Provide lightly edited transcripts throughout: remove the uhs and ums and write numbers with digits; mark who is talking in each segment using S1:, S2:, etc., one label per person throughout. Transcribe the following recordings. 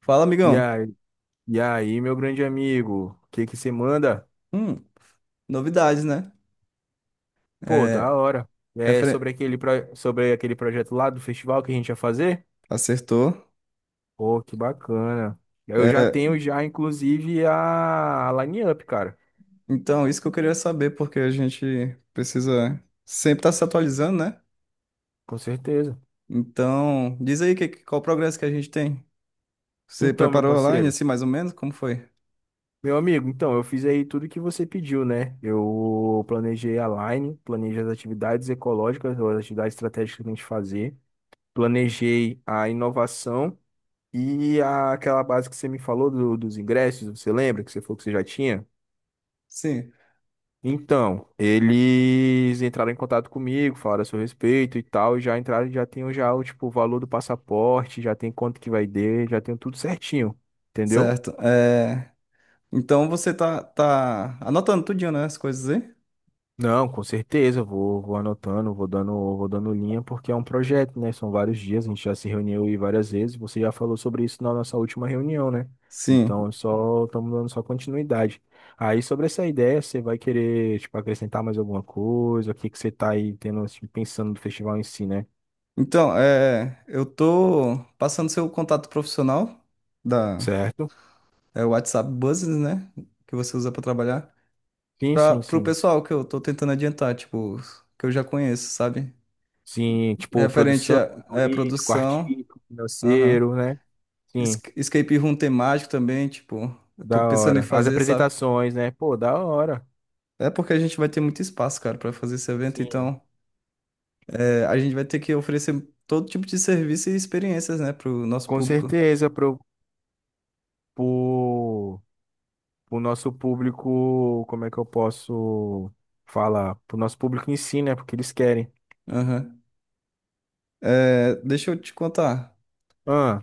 S1: Fala,
S2: E
S1: amigão.
S2: aí, e aí, meu grande amigo, o que que você manda?
S1: Hum, Novidades, né?
S2: Pô, da
S1: É,
S2: hora. É
S1: referen-
S2: sobre aquele projeto lá do festival que a gente ia fazer?
S1: Acertou.
S2: Pô, que bacana. Eu já
S1: É,
S2: tenho já, inclusive, a line-up, cara.
S1: então, isso que eu queria saber, porque a gente precisa sempre estar se atualizando, né?
S2: Com certeza.
S1: Então, diz aí qual o progresso que a gente tem. Você
S2: Então, meu
S1: preparou online,
S2: parceiro,
S1: assim, mais ou menos? Como foi?
S2: meu amigo, então, eu fiz aí tudo que você pediu, né? Eu planejei as atividades ecológicas, ou as atividades estratégicas que a gente fazer, planejei a inovação. Aquela base que você me falou dos ingressos, você lembra que você falou que você já tinha?
S1: Sim,
S2: Então, eles entraram em contato comigo, falaram a seu respeito e tal, e já entraram, já tenho já o tipo o valor do passaporte, já tem quanto que vai ter, já tenho tudo certinho, entendeu?
S1: certo. É, então, você tá anotando tudinho, né? As coisas aí?
S2: Não, com certeza, eu vou anotando, vou dando linha, porque é um projeto, né? São vários dias, a gente já se reuniu aí várias vezes, você já falou sobre isso na nossa última reunião, né? Então,
S1: Sim.
S2: é só estamos dando só continuidade. Aí, sobre essa ideia, você vai querer, tipo, acrescentar mais alguma coisa? O que que você tá aí tendo, assim, pensando do festival em si, né?
S1: Então, é, eu tô passando seu contato profissional da,
S2: Certo?
S1: é o WhatsApp Business, né? Que você usa pra trabalhar.
S2: Sim,
S1: Para
S2: sim,
S1: pro
S2: sim.
S1: pessoal que eu tô tentando adiantar, tipo, que eu já conheço, sabe?
S2: Sim, tipo,
S1: Referente
S2: produção,
S1: à
S2: jurídico,
S1: produção,
S2: artístico,
S1: aham.
S2: financeiro, né? Sim,
S1: Escape room temático também, tipo, eu tô
S2: da
S1: pensando em
S2: hora. As
S1: fazer, sabe?
S2: apresentações, né? Pô, da hora.
S1: É porque a gente vai ter muito espaço, cara, pra fazer esse evento,
S2: Sim.
S1: então é, a gente vai ter que oferecer todo tipo de serviço e experiências, né, pro nosso
S2: Com
S1: público.
S2: certeza, pro, pro nosso público, como é que eu posso falar? Pro nosso público em si, né? Porque eles querem.
S1: Aham. É, deixa eu te contar.
S2: Ah,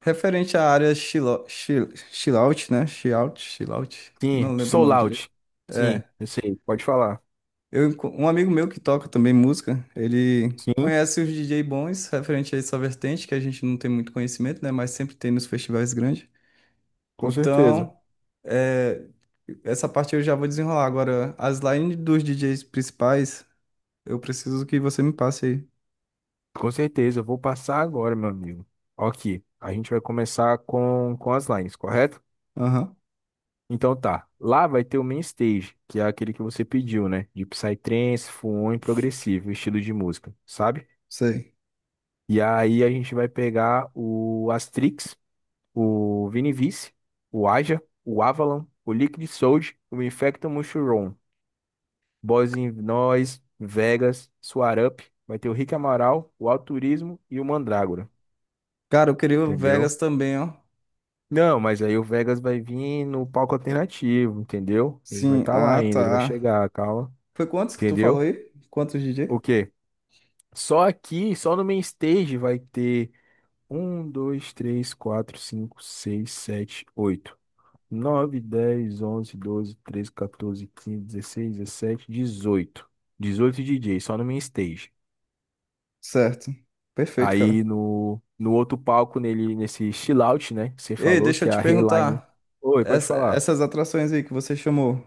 S1: Referente à área chillout, né? Chillout, chillout,
S2: sim,
S1: não lembro o
S2: sou
S1: nome direito.
S2: out. Sim,
S1: É,
S2: eu sei, pode falar.
S1: um amigo meu que toca também música, ele
S2: Sim,
S1: conhece os DJ bons referente a essa vertente, que a gente não tem muito conhecimento, né? Mas sempre tem nos festivais grandes.
S2: com certeza.
S1: Então, é, essa parte eu já vou desenrolar. Agora, as lines dos DJs principais, eu preciso que você me passe aí.
S2: Com certeza, eu vou passar agora, meu amigo. Ok, a gente vai começar com as lines, correto?
S1: Aham,
S2: Então tá, lá vai ter o main stage, que é aquele que você pediu, né? De psytrance, full e progressivo, estilo de música, sabe?
S1: sei.
S2: E aí a gente vai pegar o Astrix, o Vinivice, o Aja, o Avalon, o Liquid Soldier, o Infecto Mushroom, Boss in Noise, Vegas, Suarup, vai ter o Rick Amaral, o Alturismo e o Mandrágora,
S1: Cara, eu queria o
S2: entendeu?
S1: Vegas também, ó.
S2: Não, mas aí o Vegas vai vir no palco alternativo, entendeu? Ele vai
S1: Sim,
S2: estar lá
S1: ah,
S2: ainda, ele vai
S1: tá.
S2: chegar, calma,
S1: Foi quantos que tu falou
S2: entendeu?
S1: aí? Quantos
S2: O
S1: DJ?
S2: quê? Só aqui, só no main stage vai ter um, dois, três, quatro, cinco, seis, sete, oito, nove, dez, onze, doze, 12, 13, quinze, dezesseis, dezessete, dezoito, 18 DJs, só no main stage.
S1: Certo. Perfeito, cara.
S2: Aí no, no outro palco, nele, nesse chill out, né? Que você
S1: Ei,
S2: falou
S1: deixa eu
S2: que é
S1: te
S2: a Rayline.
S1: perguntar.
S2: Oi, pode falar.
S1: Essas atrações aí que você chamou,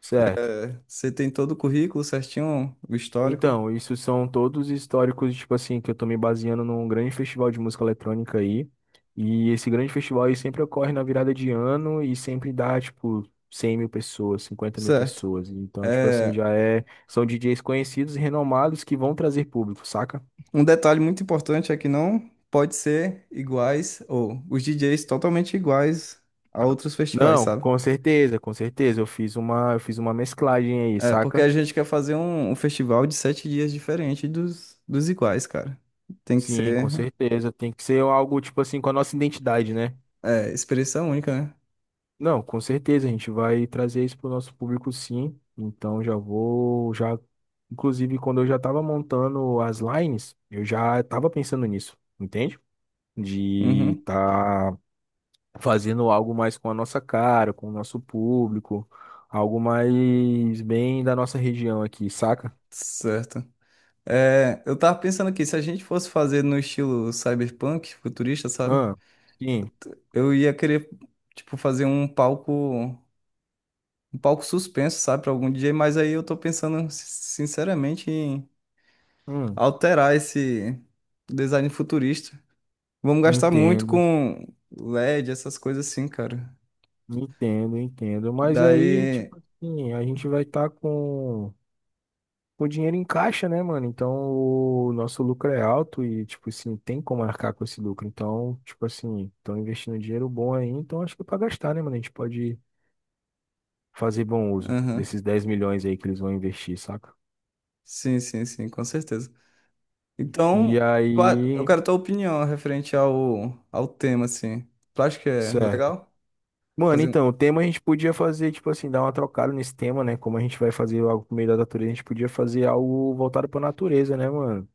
S2: Certo.
S1: é, você tem todo o currículo certinho, o histórico?
S2: Então, isso são todos históricos, tipo assim, que eu tô me baseando num grande festival de música eletrônica aí. E esse grande festival aí sempre ocorre na virada de ano e sempre dá, tipo, 100 mil pessoas, cinquenta mil
S1: Certo.
S2: pessoas. Então, tipo assim,
S1: É,
S2: já é... São DJs conhecidos e renomados que vão trazer público, saca?
S1: um detalhe muito importante é que não pode ser iguais, ou os DJs totalmente iguais a outros festivais,
S2: Não,
S1: sabe?
S2: com certeza, com certeza. Eu fiz uma mesclagem aí,
S1: É, porque
S2: saca?
S1: a gente quer fazer um festival de 7 dias diferente dos iguais, cara. Tem que
S2: Sim,
S1: ser,
S2: com certeza. Tem que ser algo, tipo assim, com a nossa identidade, né?
S1: é, experiência única, né?
S2: Não, com certeza, a gente vai trazer isso para o nosso público sim. Então já vou, já, inclusive quando eu já estava montando as lines, eu já estava pensando nisso, entende? De
S1: Uhum.
S2: estar fazendo algo mais com a nossa cara, com o nosso público, algo mais bem da nossa região aqui, saca?
S1: Certo. É, eu tava pensando aqui, se a gente fosse fazer no estilo cyberpunk, futurista, sabe?
S2: Ah, sim,
S1: Eu ia querer, tipo, fazer um palco suspenso, sabe, pra algum DJ, mas aí eu tô pensando, sinceramente, em
S2: hum,
S1: alterar esse design futurista. Vamos gastar muito
S2: entendo,
S1: com LED, essas coisas assim, cara.
S2: entendo, entendo. Mas aí,
S1: Daí,
S2: tipo assim, a gente vai estar com o dinheiro encaixa, né, mano? Então o nosso lucro é alto e, tipo assim, tem como arcar com esse lucro. Então, tipo assim, estão investindo dinheiro bom aí, então acho que é pra gastar, né, mano? A gente pode fazer bom uso
S1: aham.
S2: desses 10 milhões aí que eles vão investir, saca?
S1: Sim, sim, sim, com certeza.
S2: E
S1: Então, eu
S2: aí,
S1: quero tua opinião referente ao tema, assim. Tu acha que é
S2: certo.
S1: legal
S2: Mano,
S1: fazer um...
S2: então, o tema a gente podia fazer, tipo assim, dar uma trocada nesse tema, né? Como a gente vai fazer algo por meio da natureza, a gente podia fazer algo voltado pra natureza, né, mano?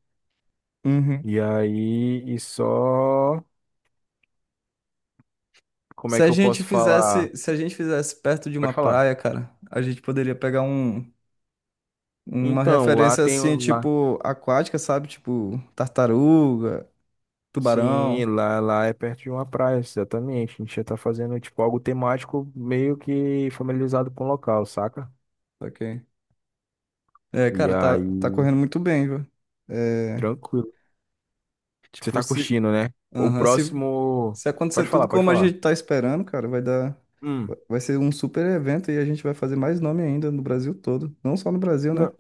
S1: Uhum.
S2: E aí, e só. Como é que eu posso falar?
S1: Se a gente fizesse perto de uma
S2: Pode falar.
S1: praia, cara, a gente poderia pegar uma
S2: Então, lá
S1: referência
S2: tem
S1: assim,
S2: um, lá.
S1: tipo, aquática, sabe? Tipo, tartaruga,
S2: Sim,
S1: tubarão,
S2: lá, lá é perto de uma praia, exatamente. A gente já tá fazendo tipo algo temático meio que familiarizado com o local, saca?
S1: ok? É,
S2: E
S1: cara, tá, tá
S2: aí,
S1: correndo muito bem, viu? É,
S2: tranquilo. Você
S1: tipo,
S2: tá
S1: se,
S2: curtindo, né? O
S1: Aham,
S2: próximo.
S1: se acontecer
S2: Pode
S1: tudo
S2: falar, pode
S1: como a
S2: falar.
S1: gente tá esperando, cara, vai dar.
S2: Hum.
S1: Vai ser um super evento e a gente vai fazer mais nome ainda no Brasil todo. Não só no Brasil, né?
S2: Não,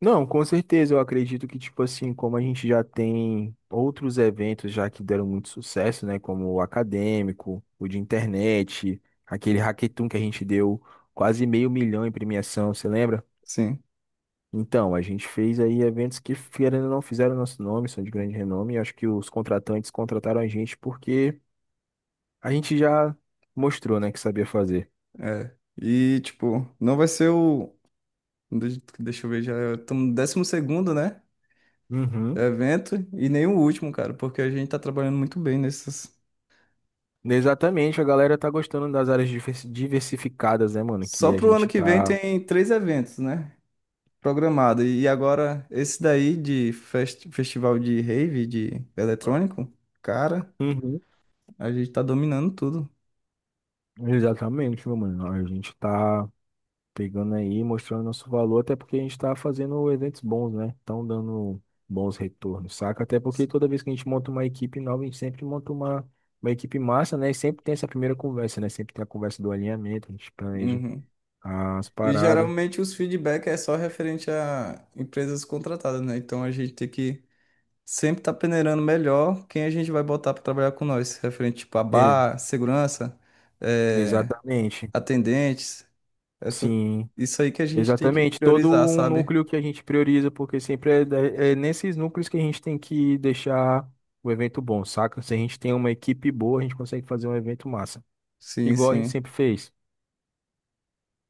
S2: não, com certeza. Eu acredito que, tipo assim, como a gente já tem outros eventos já que deram muito sucesso, né? Como o acadêmico, o de internet, aquele hackathon que a gente deu quase meio milhão em premiação, você lembra?
S1: Sim,
S2: Então, a gente fez aí eventos que, querendo ou não, fizeram nosso nome, são de grande renome. Eu acho que os contratantes contrataram a gente porque a gente já mostrou, né, que sabia fazer.
S1: é. E, tipo, não vai ser deixa eu ver, já estamos no 12º, né?
S2: Uhum.
S1: Evento e nem o último, cara, porque a gente tá trabalhando muito bem nesses.
S2: Exatamente, a galera tá gostando das áreas diversificadas, né, mano?
S1: Só
S2: Que a
S1: pro ano
S2: gente
S1: que vem
S2: tá.
S1: tem 3 eventos, né? Programado. E agora, esse daí de festival de rave, de eletrônico, cara.
S2: Uhum.
S1: A gente tá dominando tudo.
S2: Exatamente, meu mano. A gente tá pegando aí, mostrando nosso valor, até porque a gente está fazendo eventos bons, né? Estão dando bons retornos, saca? Até porque toda vez que a gente monta uma equipe nova, a gente sempre monta uma equipe massa, né? E sempre tem essa primeira conversa, né? Sempre tem a conversa do alinhamento, a gente planeja
S1: Uhum.
S2: as
S1: E
S2: paradas.
S1: geralmente os feedback é só referente a empresas contratadas, né? Então a gente tem que sempre estar tá peneirando melhor quem a gente vai botar para trabalhar com nós, referente tipo a
S2: E-
S1: bar, segurança, eh,
S2: Exatamente,
S1: atendentes, essa,
S2: sim.
S1: isso aí que a gente tem que
S2: Exatamente, todo
S1: priorizar,
S2: um
S1: sabe?
S2: núcleo que a gente prioriza, porque sempre é, é nesses núcleos que a gente tem que deixar o evento bom, saca? Se a gente tem uma equipe boa, a gente consegue fazer um evento massa,
S1: Sim,
S2: igual a gente
S1: sim.
S2: sempre fez.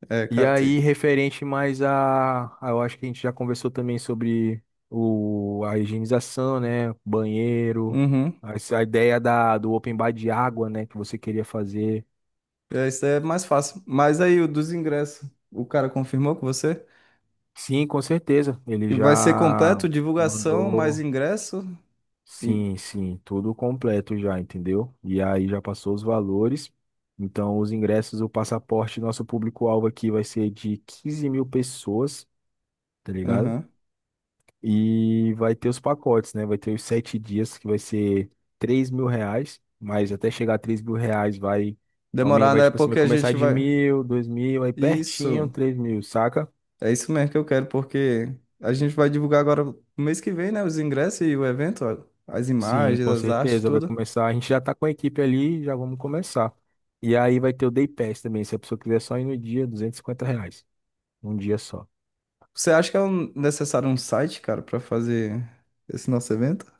S1: É,
S2: E
S1: cara,
S2: aí,
S1: tem...
S2: referente mais eu acho que a gente já conversou também sobre o, a, higienização, né? Banheiro,
S1: Uhum.
S2: a, essa ideia da, do open bar de água, né? Que você queria fazer.
S1: É, isso aí é mais fácil. Mas aí o dos ingressos, o cara confirmou com você?
S2: Sim, com certeza. Ele
S1: E vai ser
S2: já
S1: completo, divulgação, mais
S2: mandou.
S1: ingresso?
S2: Sim, sim, tudo completo já, entendeu? E aí já passou os valores. Então, os ingressos, o passaporte, nosso público-alvo aqui vai ser de 15 mil pessoas, tá ligado?
S1: Aham.
S2: E vai ter os pacotes, né? Vai ter os 7 dias, que vai ser R$ 3 mil, mas até chegar a 3 mil reais vai,
S1: Demorar,
S2: vai
S1: né?
S2: tipo assim, vai
S1: Porque a
S2: começar
S1: gente
S2: de
S1: vai.
S2: mil, 2 mil, aí pertinho,
S1: Isso.
S2: 3 mil, saca?
S1: É isso mesmo que eu quero, porque a gente vai divulgar agora no mês que vem, né? Os ingressos e o evento, ó, as
S2: Sim,
S1: imagens,
S2: com
S1: as artes,
S2: certeza, vai
S1: tudo.
S2: começar. A gente já tá com a equipe ali, já vamos começar. E aí vai ter o Day Pass também, se a pessoa quiser só ir no dia, R$ 250, um dia só.
S1: Você acha que é necessário um site, cara, pra fazer esse nosso evento?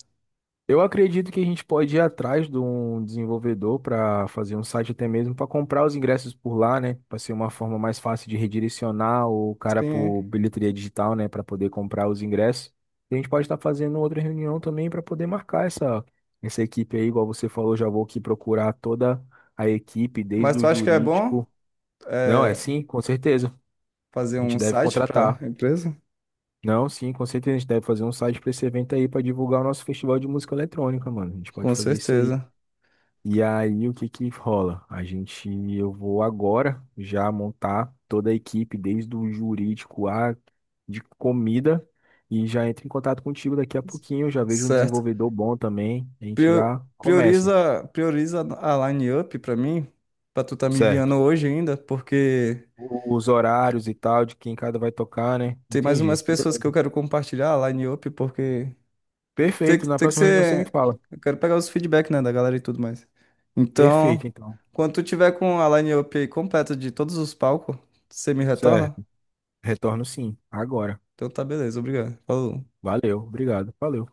S2: Eu acredito que a gente pode ir atrás de um desenvolvedor para fazer um site até mesmo para comprar os ingressos por lá, né? Para ser uma forma mais fácil de redirecionar o cara
S1: Sim.
S2: por bilheteria digital, né? Para poder comprar os ingressos. E a gente pode estar fazendo outra reunião também para poder marcar essa equipe aí, igual você falou, já vou aqui procurar toda a equipe,
S1: Mas
S2: desde o
S1: tu acha que é bom
S2: jurídico. Não, é
S1: é,
S2: sim, com certeza. A
S1: fazer
S2: gente
S1: um
S2: deve
S1: site pra
S2: contratar.
S1: empresa?
S2: Não, sim, com certeza. A gente deve fazer um site para esse evento aí para divulgar o nosso festival de música eletrônica, mano. A gente pode
S1: Com
S2: fazer isso aí.
S1: certeza.
S2: E aí, o que que rola? A gente, eu vou agora já montar toda a equipe, desde o jurídico a de comida, e já entro em contato contigo daqui a pouquinho. Já vejo um
S1: Certo.
S2: desenvolvedor bom também. A gente
S1: Prio-
S2: já começa,
S1: prioriza a line up pra mim, pra tu tá me enviando
S2: certo?
S1: hoje ainda, porque.
S2: Os horários e tal, de quem cada vai tocar, né?
S1: Tem mais umas
S2: Entendi.
S1: pessoas que eu quero compartilhar lá em Up, porque
S2: Perfeito. Na
S1: tem que
S2: próxima reunião você me
S1: ser.
S2: fala.
S1: Eu quero pegar os feedback, né, da galera e tudo mais.
S2: Perfeito,
S1: Então,
S2: então.
S1: quando tu tiver com a line-up aí completa de todos os palcos, você me retorna?
S2: Certo. Retorno sim, agora.
S1: Então tá beleza, obrigado. Falou.
S2: Valeu, obrigado. Valeu.